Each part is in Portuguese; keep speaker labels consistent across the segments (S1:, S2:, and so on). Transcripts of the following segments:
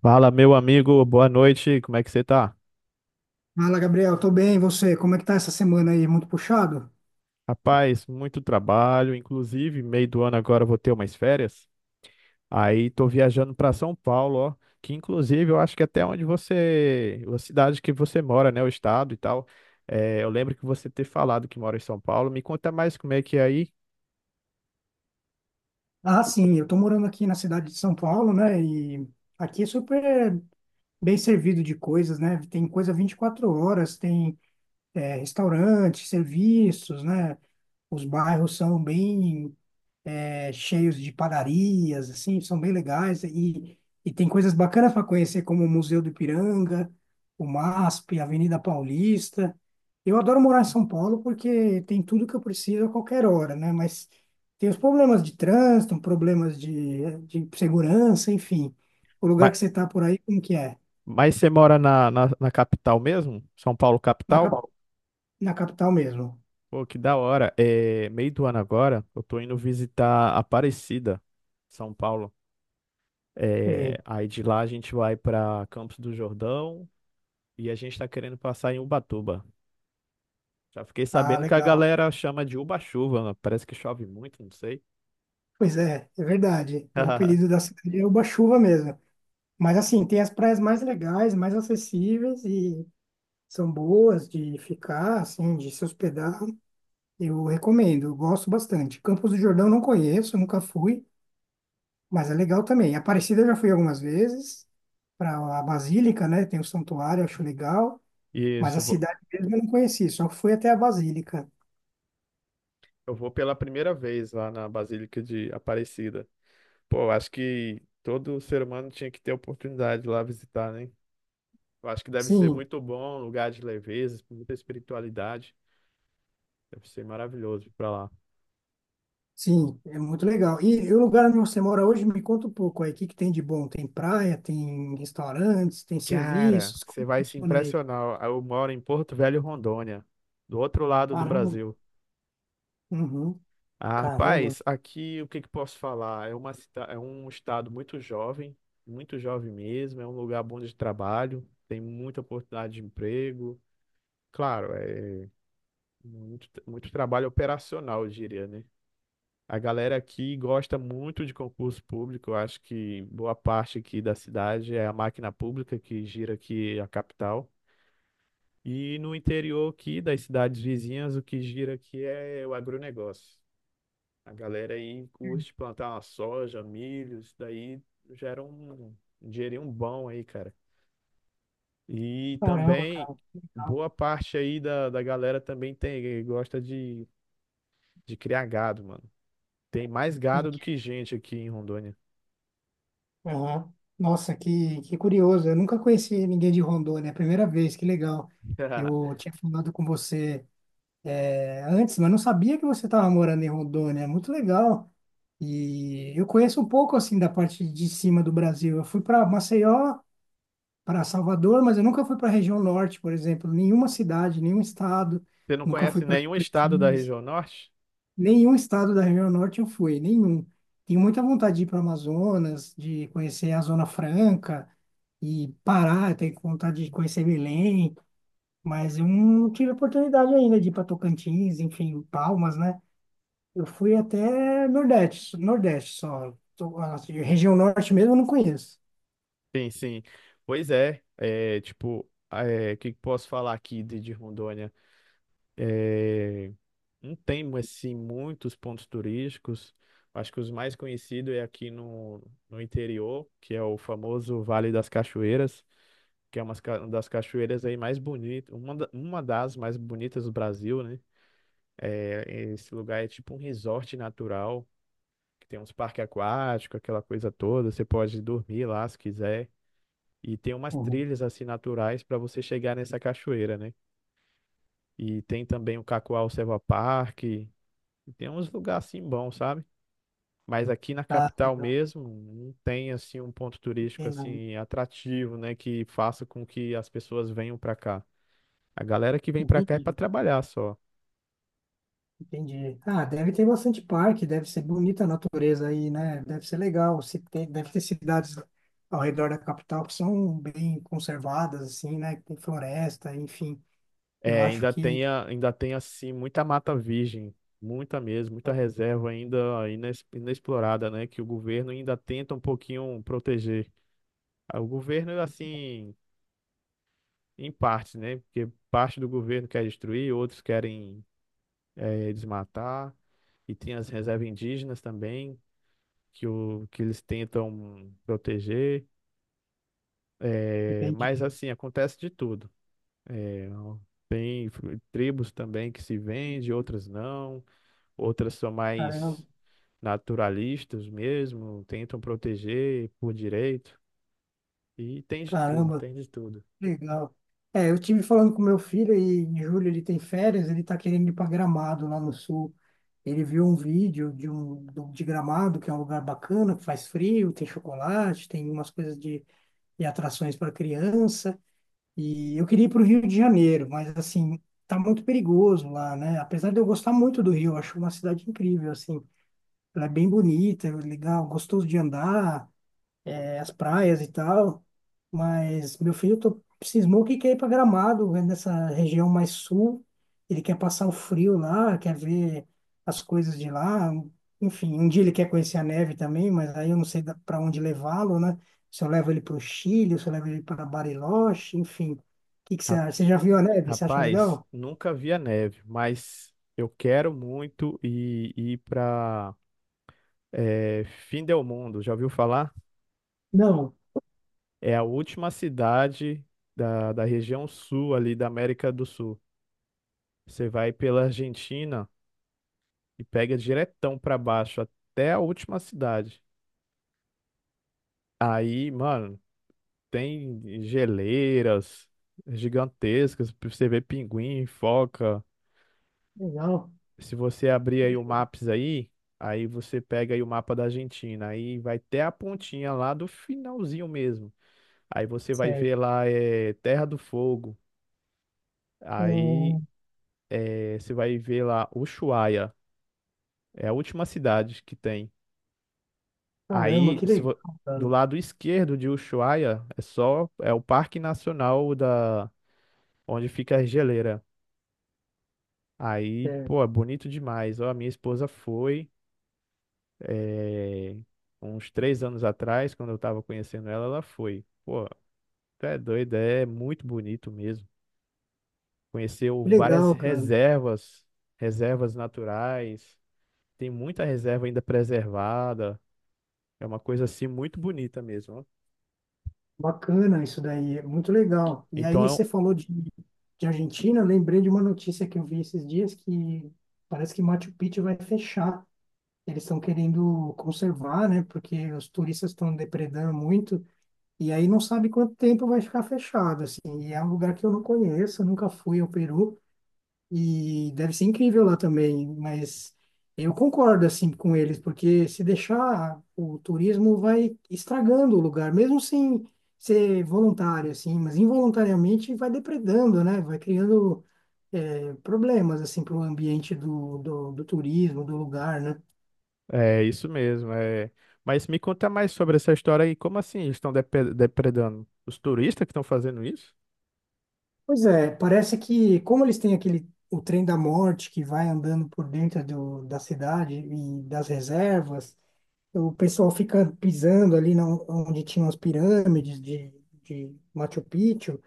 S1: Fala, meu amigo, boa noite, como é que você tá?
S2: Fala, Gabriel, tô bem, e você? Como é que tá essa semana aí? Muito puxado?
S1: Rapaz, muito trabalho, inclusive, meio do ano agora eu vou ter umas férias. Aí tô viajando pra São Paulo, ó, que inclusive eu acho que até onde você, a cidade que você mora, né, o estado e tal. É, eu lembro que você ter falado que mora em São Paulo. Me conta mais como é que é aí.
S2: Ah, sim, eu tô morando aqui na cidade de São Paulo, né? E aqui é super bem servido de coisas, né? Tem coisa 24 horas, tem restaurante, serviços, né? Os bairros são bem cheios de padarias, assim, são bem legais. E tem coisas bacanas para conhecer, como o Museu do Ipiranga, o MASP, a Avenida Paulista. Eu adoro morar em São Paulo porque tem tudo que eu preciso a qualquer hora, né? Mas tem os problemas de trânsito, problemas de segurança, enfim. O lugar
S1: Mas,
S2: que você está por aí, como que é?
S1: mas você mora na capital mesmo? São Paulo
S2: Na,
S1: capital?
S2: cap- Na capital mesmo.
S1: Pô, que da hora. É, meio do ano agora, eu tô indo visitar Aparecida, São Paulo. É,
S2: Sim.
S1: aí de lá a gente vai para Campos do Jordão e a gente está querendo passar em Ubatuba. Já fiquei
S2: Ah,
S1: sabendo que a
S2: legal.
S1: galera chama de Uba-chuva, né? Parece que chove muito, não sei.
S2: Pois é, é verdade. O apelido da cidade é Uba-Chuva mesmo. Mas assim, tem as praias mais legais, mais acessíveis e são boas de ficar, assim, de se hospedar. Eu recomendo, eu gosto bastante. Campos do Jordão não conheço, nunca fui, mas é legal também. Aparecida eu já fui algumas vezes para a Basílica, né? Tem o santuário, acho legal, mas a
S1: Isso,
S2: cidade mesmo eu não conheci, só fui até a Basílica.
S1: eu vou pela primeira vez lá na Basílica de Aparecida. Pô, eu acho que todo ser humano tinha que ter a oportunidade de lá visitar, né? Eu acho que deve ser
S2: Sim,
S1: muito bom, um lugar de leveza, muita espiritualidade. Deve ser maravilhoso ir pra lá.
S2: sim, é muito legal. E, o lugar onde você mora hoje, me conta um pouco aí, o que que tem de bom? Tem praia, tem restaurantes, tem
S1: Cara,
S2: serviços,
S1: você
S2: como
S1: vai se
S2: funciona aí?
S1: impressionar. Eu moro em Porto Velho, Rondônia, do outro lado do
S2: Caramba.
S1: Brasil.
S2: Uhum.
S1: Ah,
S2: Caramba.
S1: rapaz, aqui o que que posso falar? É é um estado muito jovem mesmo. É um lugar bom de trabalho, tem muita oportunidade de emprego. Claro, é muito, muito trabalho operacional, eu diria, né? A galera aqui gosta muito de concurso público. Eu acho que boa parte aqui da cidade é a máquina pública que gira aqui a capital. E no interior aqui das cidades vizinhas, o que gira aqui é o agronegócio. A galera aí curte plantar uma soja, milho, isso daí gera um dinheirinho bom aí, cara. E
S2: Caramba,
S1: também,
S2: cara. Que legal.
S1: boa parte aí da galera também tem, gosta de criar gado, mano. Tem mais
S2: Sim.
S1: gado do que gente aqui em Rondônia.
S2: Aham. Nossa, que curioso. Eu nunca conheci ninguém de Rondônia. É a primeira vez. Que legal. Eu tinha falado com você antes, mas não sabia que você estava morando em Rondônia. Muito legal. E eu conheço um pouco assim da parte de cima do Brasil. Eu fui para Maceió, para Salvador, mas eu nunca fui para a região norte, por exemplo, nenhuma cidade, nenhum estado.
S1: Você não
S2: Nunca fui
S1: conhece
S2: para
S1: nenhum estado da
S2: Tocantins.
S1: região norte?
S2: Nenhum estado da região norte eu fui, nenhum. Tenho muita vontade de ir para Amazonas, de conhecer a Zona Franca e Pará, eu tenho vontade de conhecer Belém, mas eu não tive oportunidade ainda de ir para Tocantins, enfim, Palmas, né? Eu fui até Nordeste, Nordeste só. A região norte mesmo eu não conheço.
S1: Sim, sim. Pois é, o que que posso falar aqui de Rondônia? É, não tem assim muitos pontos turísticos. Acho que os mais conhecidos é aqui no interior, que é o famoso Vale das Cachoeiras, que é uma das cachoeiras aí mais bonitas, uma das mais bonitas do Brasil, né? É, Esse lugar é tipo um resort natural, que tem uns parques aquáticos, aquela coisa toda. Você pode dormir lá se quiser. E tem umas
S2: Uhum.
S1: trilhas assim naturais para você chegar nessa cachoeira, né? E tem também o Cacoal Selva Park. E tem uns lugares assim bons, sabe? Mas aqui na
S2: Ah,
S1: capital
S2: legal,
S1: mesmo, não tem assim um ponto
S2: não
S1: turístico
S2: tem nada.
S1: assim atrativo, né, que faça com que as pessoas venham pra cá. A galera que vem pra cá é pra
S2: Entendi.
S1: trabalhar só.
S2: Entendi. Ah, deve ter bastante parque, deve ser bonita a natureza aí, né? Deve ser legal. Se tem, deve ter cidades ao redor da capital que são bem conservadas, assim, né? Que tem floresta, enfim. Eu
S1: É,
S2: acho que.
S1: ainda tem assim muita mata virgem, muita mesmo, muita reserva ainda inexplorada, né, que o governo ainda tenta um pouquinho proteger. Ah, o governo assim, em partes, né? Porque parte do governo quer destruir, outros querem desmatar. E tem as reservas indígenas também, que eles tentam proteger.
S2: Entendi.
S1: Mas, assim, acontece de tudo. Eh, tem f- Tribos também que se vendem, outras não. Outras são
S2: Caramba,
S1: mais naturalistas mesmo, tentam proteger por direito. E tem de tudo,
S2: caramba,
S1: tem de tudo.
S2: legal. É, eu tive falando com meu filho e em julho ele tem férias, ele tá querendo ir para Gramado lá no sul. Ele viu um vídeo de de Gramado, que é um lugar bacana, que faz frio, tem chocolate, tem umas coisas de atrações para criança. E eu queria ir para o Rio de Janeiro, mas assim, tá muito perigoso lá, né? Apesar de eu gostar muito do Rio, eu acho uma cidade incrível, assim. Ela é bem bonita, é legal, gostoso de andar. É, as praias e tal, mas meu filho cismou que quer ir para Gramado, né, nessa região mais sul. Ele quer passar o frio lá, quer ver as coisas de lá. Enfim, um dia ele quer conhecer a neve também, mas aí eu não sei para onde levá-lo, né? Se eu levo ele para o Chile, se eu levo ele para Bariloche, enfim. O que que você
S1: Ra-
S2: acha? Você já viu a neve? Você acha
S1: Rapaz,
S2: legal?
S1: nunca vi a neve, mas eu quero muito ir para É, Findelmundo, já ouviu falar?
S2: Não.
S1: É a última cidade da região sul ali da América do Sul. Você vai pela Argentina e pega diretão pra baixo até a última cidade. Aí, mano, tem geleiras gigantescas, pra você ver pinguim, foca.
S2: Legal.
S1: Se você abrir aí o Maps aí, aí você pega aí o mapa da Argentina, aí vai até a pontinha lá do finalzinho mesmo. Aí você vai
S2: Sério.
S1: ver lá é Terra do Fogo. Aí
S2: Hum,
S1: você vai ver lá Ushuaia, é a última cidade que tem.
S2: caramba,
S1: Aí
S2: que
S1: se
S2: legal,
S1: vo- Do
S2: cara.
S1: lado esquerdo de Ushuaia é só o Parque Nacional da onde fica a geleira. Aí,
S2: Sério.
S1: pô, é bonito demais. Ó, a minha esposa foi eh, uns 3 anos atrás, quando eu tava conhecendo ela, ela foi. Pô, tu é doido, é muito bonito mesmo. Conheceu
S2: Que
S1: várias
S2: legal, cara.
S1: reservas, reservas naturais. Tem muita reserva ainda preservada. É uma coisa assim muito bonita mesmo, ó.
S2: Bacana isso daí, é muito legal. E
S1: Então,
S2: aí você falou de Argentina, eu lembrei de uma notícia que eu vi esses dias que parece que Machu Picchu vai fechar. Eles estão querendo conservar, né? Porque os turistas estão depredando muito e aí não sabe quanto tempo vai ficar fechado, assim. E é um lugar que eu não conheço, eu nunca fui ao Peru. E deve ser incrível lá também, mas eu concordo assim com eles, porque se deixar o turismo vai estragando o lugar, mesmo sem ser voluntário assim, mas involuntariamente vai depredando, né? Vai criando problemas assim para o ambiente do turismo, do lugar, né?
S1: é isso mesmo. É... Mas me conta mais sobre essa história aí. Como assim eles estão depredando? Os turistas que estão fazendo isso?
S2: Pois é, parece que como eles têm aquele o trem da morte que vai andando por dentro da cidade e das reservas. O pessoal fica pisando ali na, onde tinham as pirâmides de Machu Picchu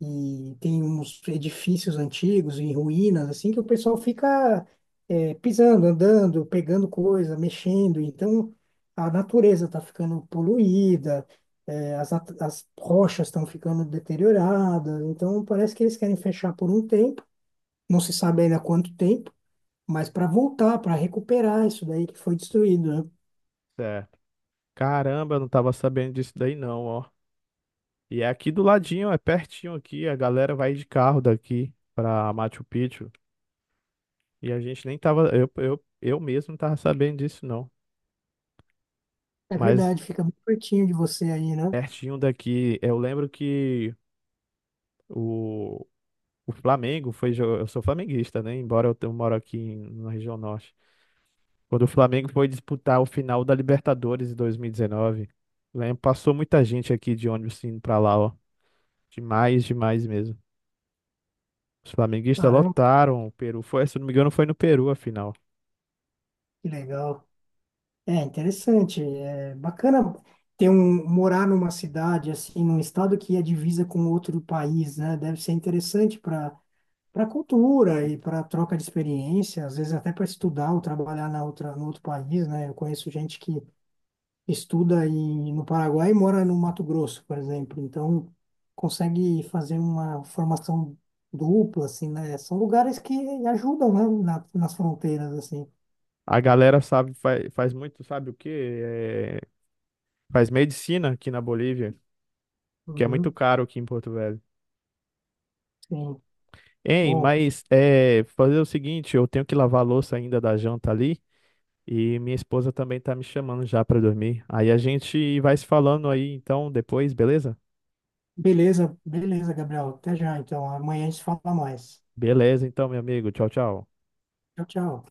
S2: e tem uns edifícios antigos em ruínas, assim, que o pessoal fica pisando, andando, pegando coisa, mexendo. Então, a natureza está ficando poluída, as rochas estão ficando deterioradas. Então, parece que eles querem fechar por um tempo, não se sabe ainda quanto tempo, mas para voltar, para recuperar isso daí que foi destruído, né?
S1: Certo. Caramba, eu não tava sabendo disso daí não, ó. E é aqui do ladinho, é pertinho aqui. A galera vai de carro daqui pra Machu Picchu. E a gente nem tava. Eu mesmo não tava sabendo disso não.
S2: É
S1: Mas
S2: verdade, fica muito pertinho de você aí, né?
S1: pertinho daqui. Eu lembro que. O, O Flamengo foi. Eu sou flamenguista, né? Embora eu moro na região norte. Quando o Flamengo foi disputar o final da Libertadores em 2019, lembro, passou muita gente aqui de ônibus indo pra lá, ó. Demais, demais mesmo. Os flamenguistas
S2: Caramba,
S1: lotaram o Peru. Foi, se eu não me engano, foi no Peru a final.
S2: que legal. É interessante, é bacana ter um morar numa cidade assim, num estado que é divisa com outro país, né? Deve ser interessante para para cultura e para troca de experiência, às vezes até para estudar ou trabalhar na outra no outro país, né? Eu conheço gente que estuda em, no Paraguai e mora no Mato Grosso, por exemplo. Então, consegue fazer uma formação dupla, assim, né? São lugares que ajudam, né? Nas fronteiras, assim.
S1: A galera sabe, faz muito, sabe o quê? É, faz medicina aqui na Bolívia, que é muito
S2: Uhum,
S1: caro aqui em Porto Velho.
S2: sim.
S1: Hein,
S2: Bom,
S1: mas é, fazer o seguinte, eu tenho que lavar a louça ainda da janta ali. E minha esposa também tá me chamando já pra dormir. Aí a gente vai se falando aí, então, depois, beleza?
S2: beleza, beleza, Gabriel. Até já, então. Amanhã a gente fala mais.
S1: Beleza, então, meu amigo. Tchau, tchau.
S2: Tchau, tchau.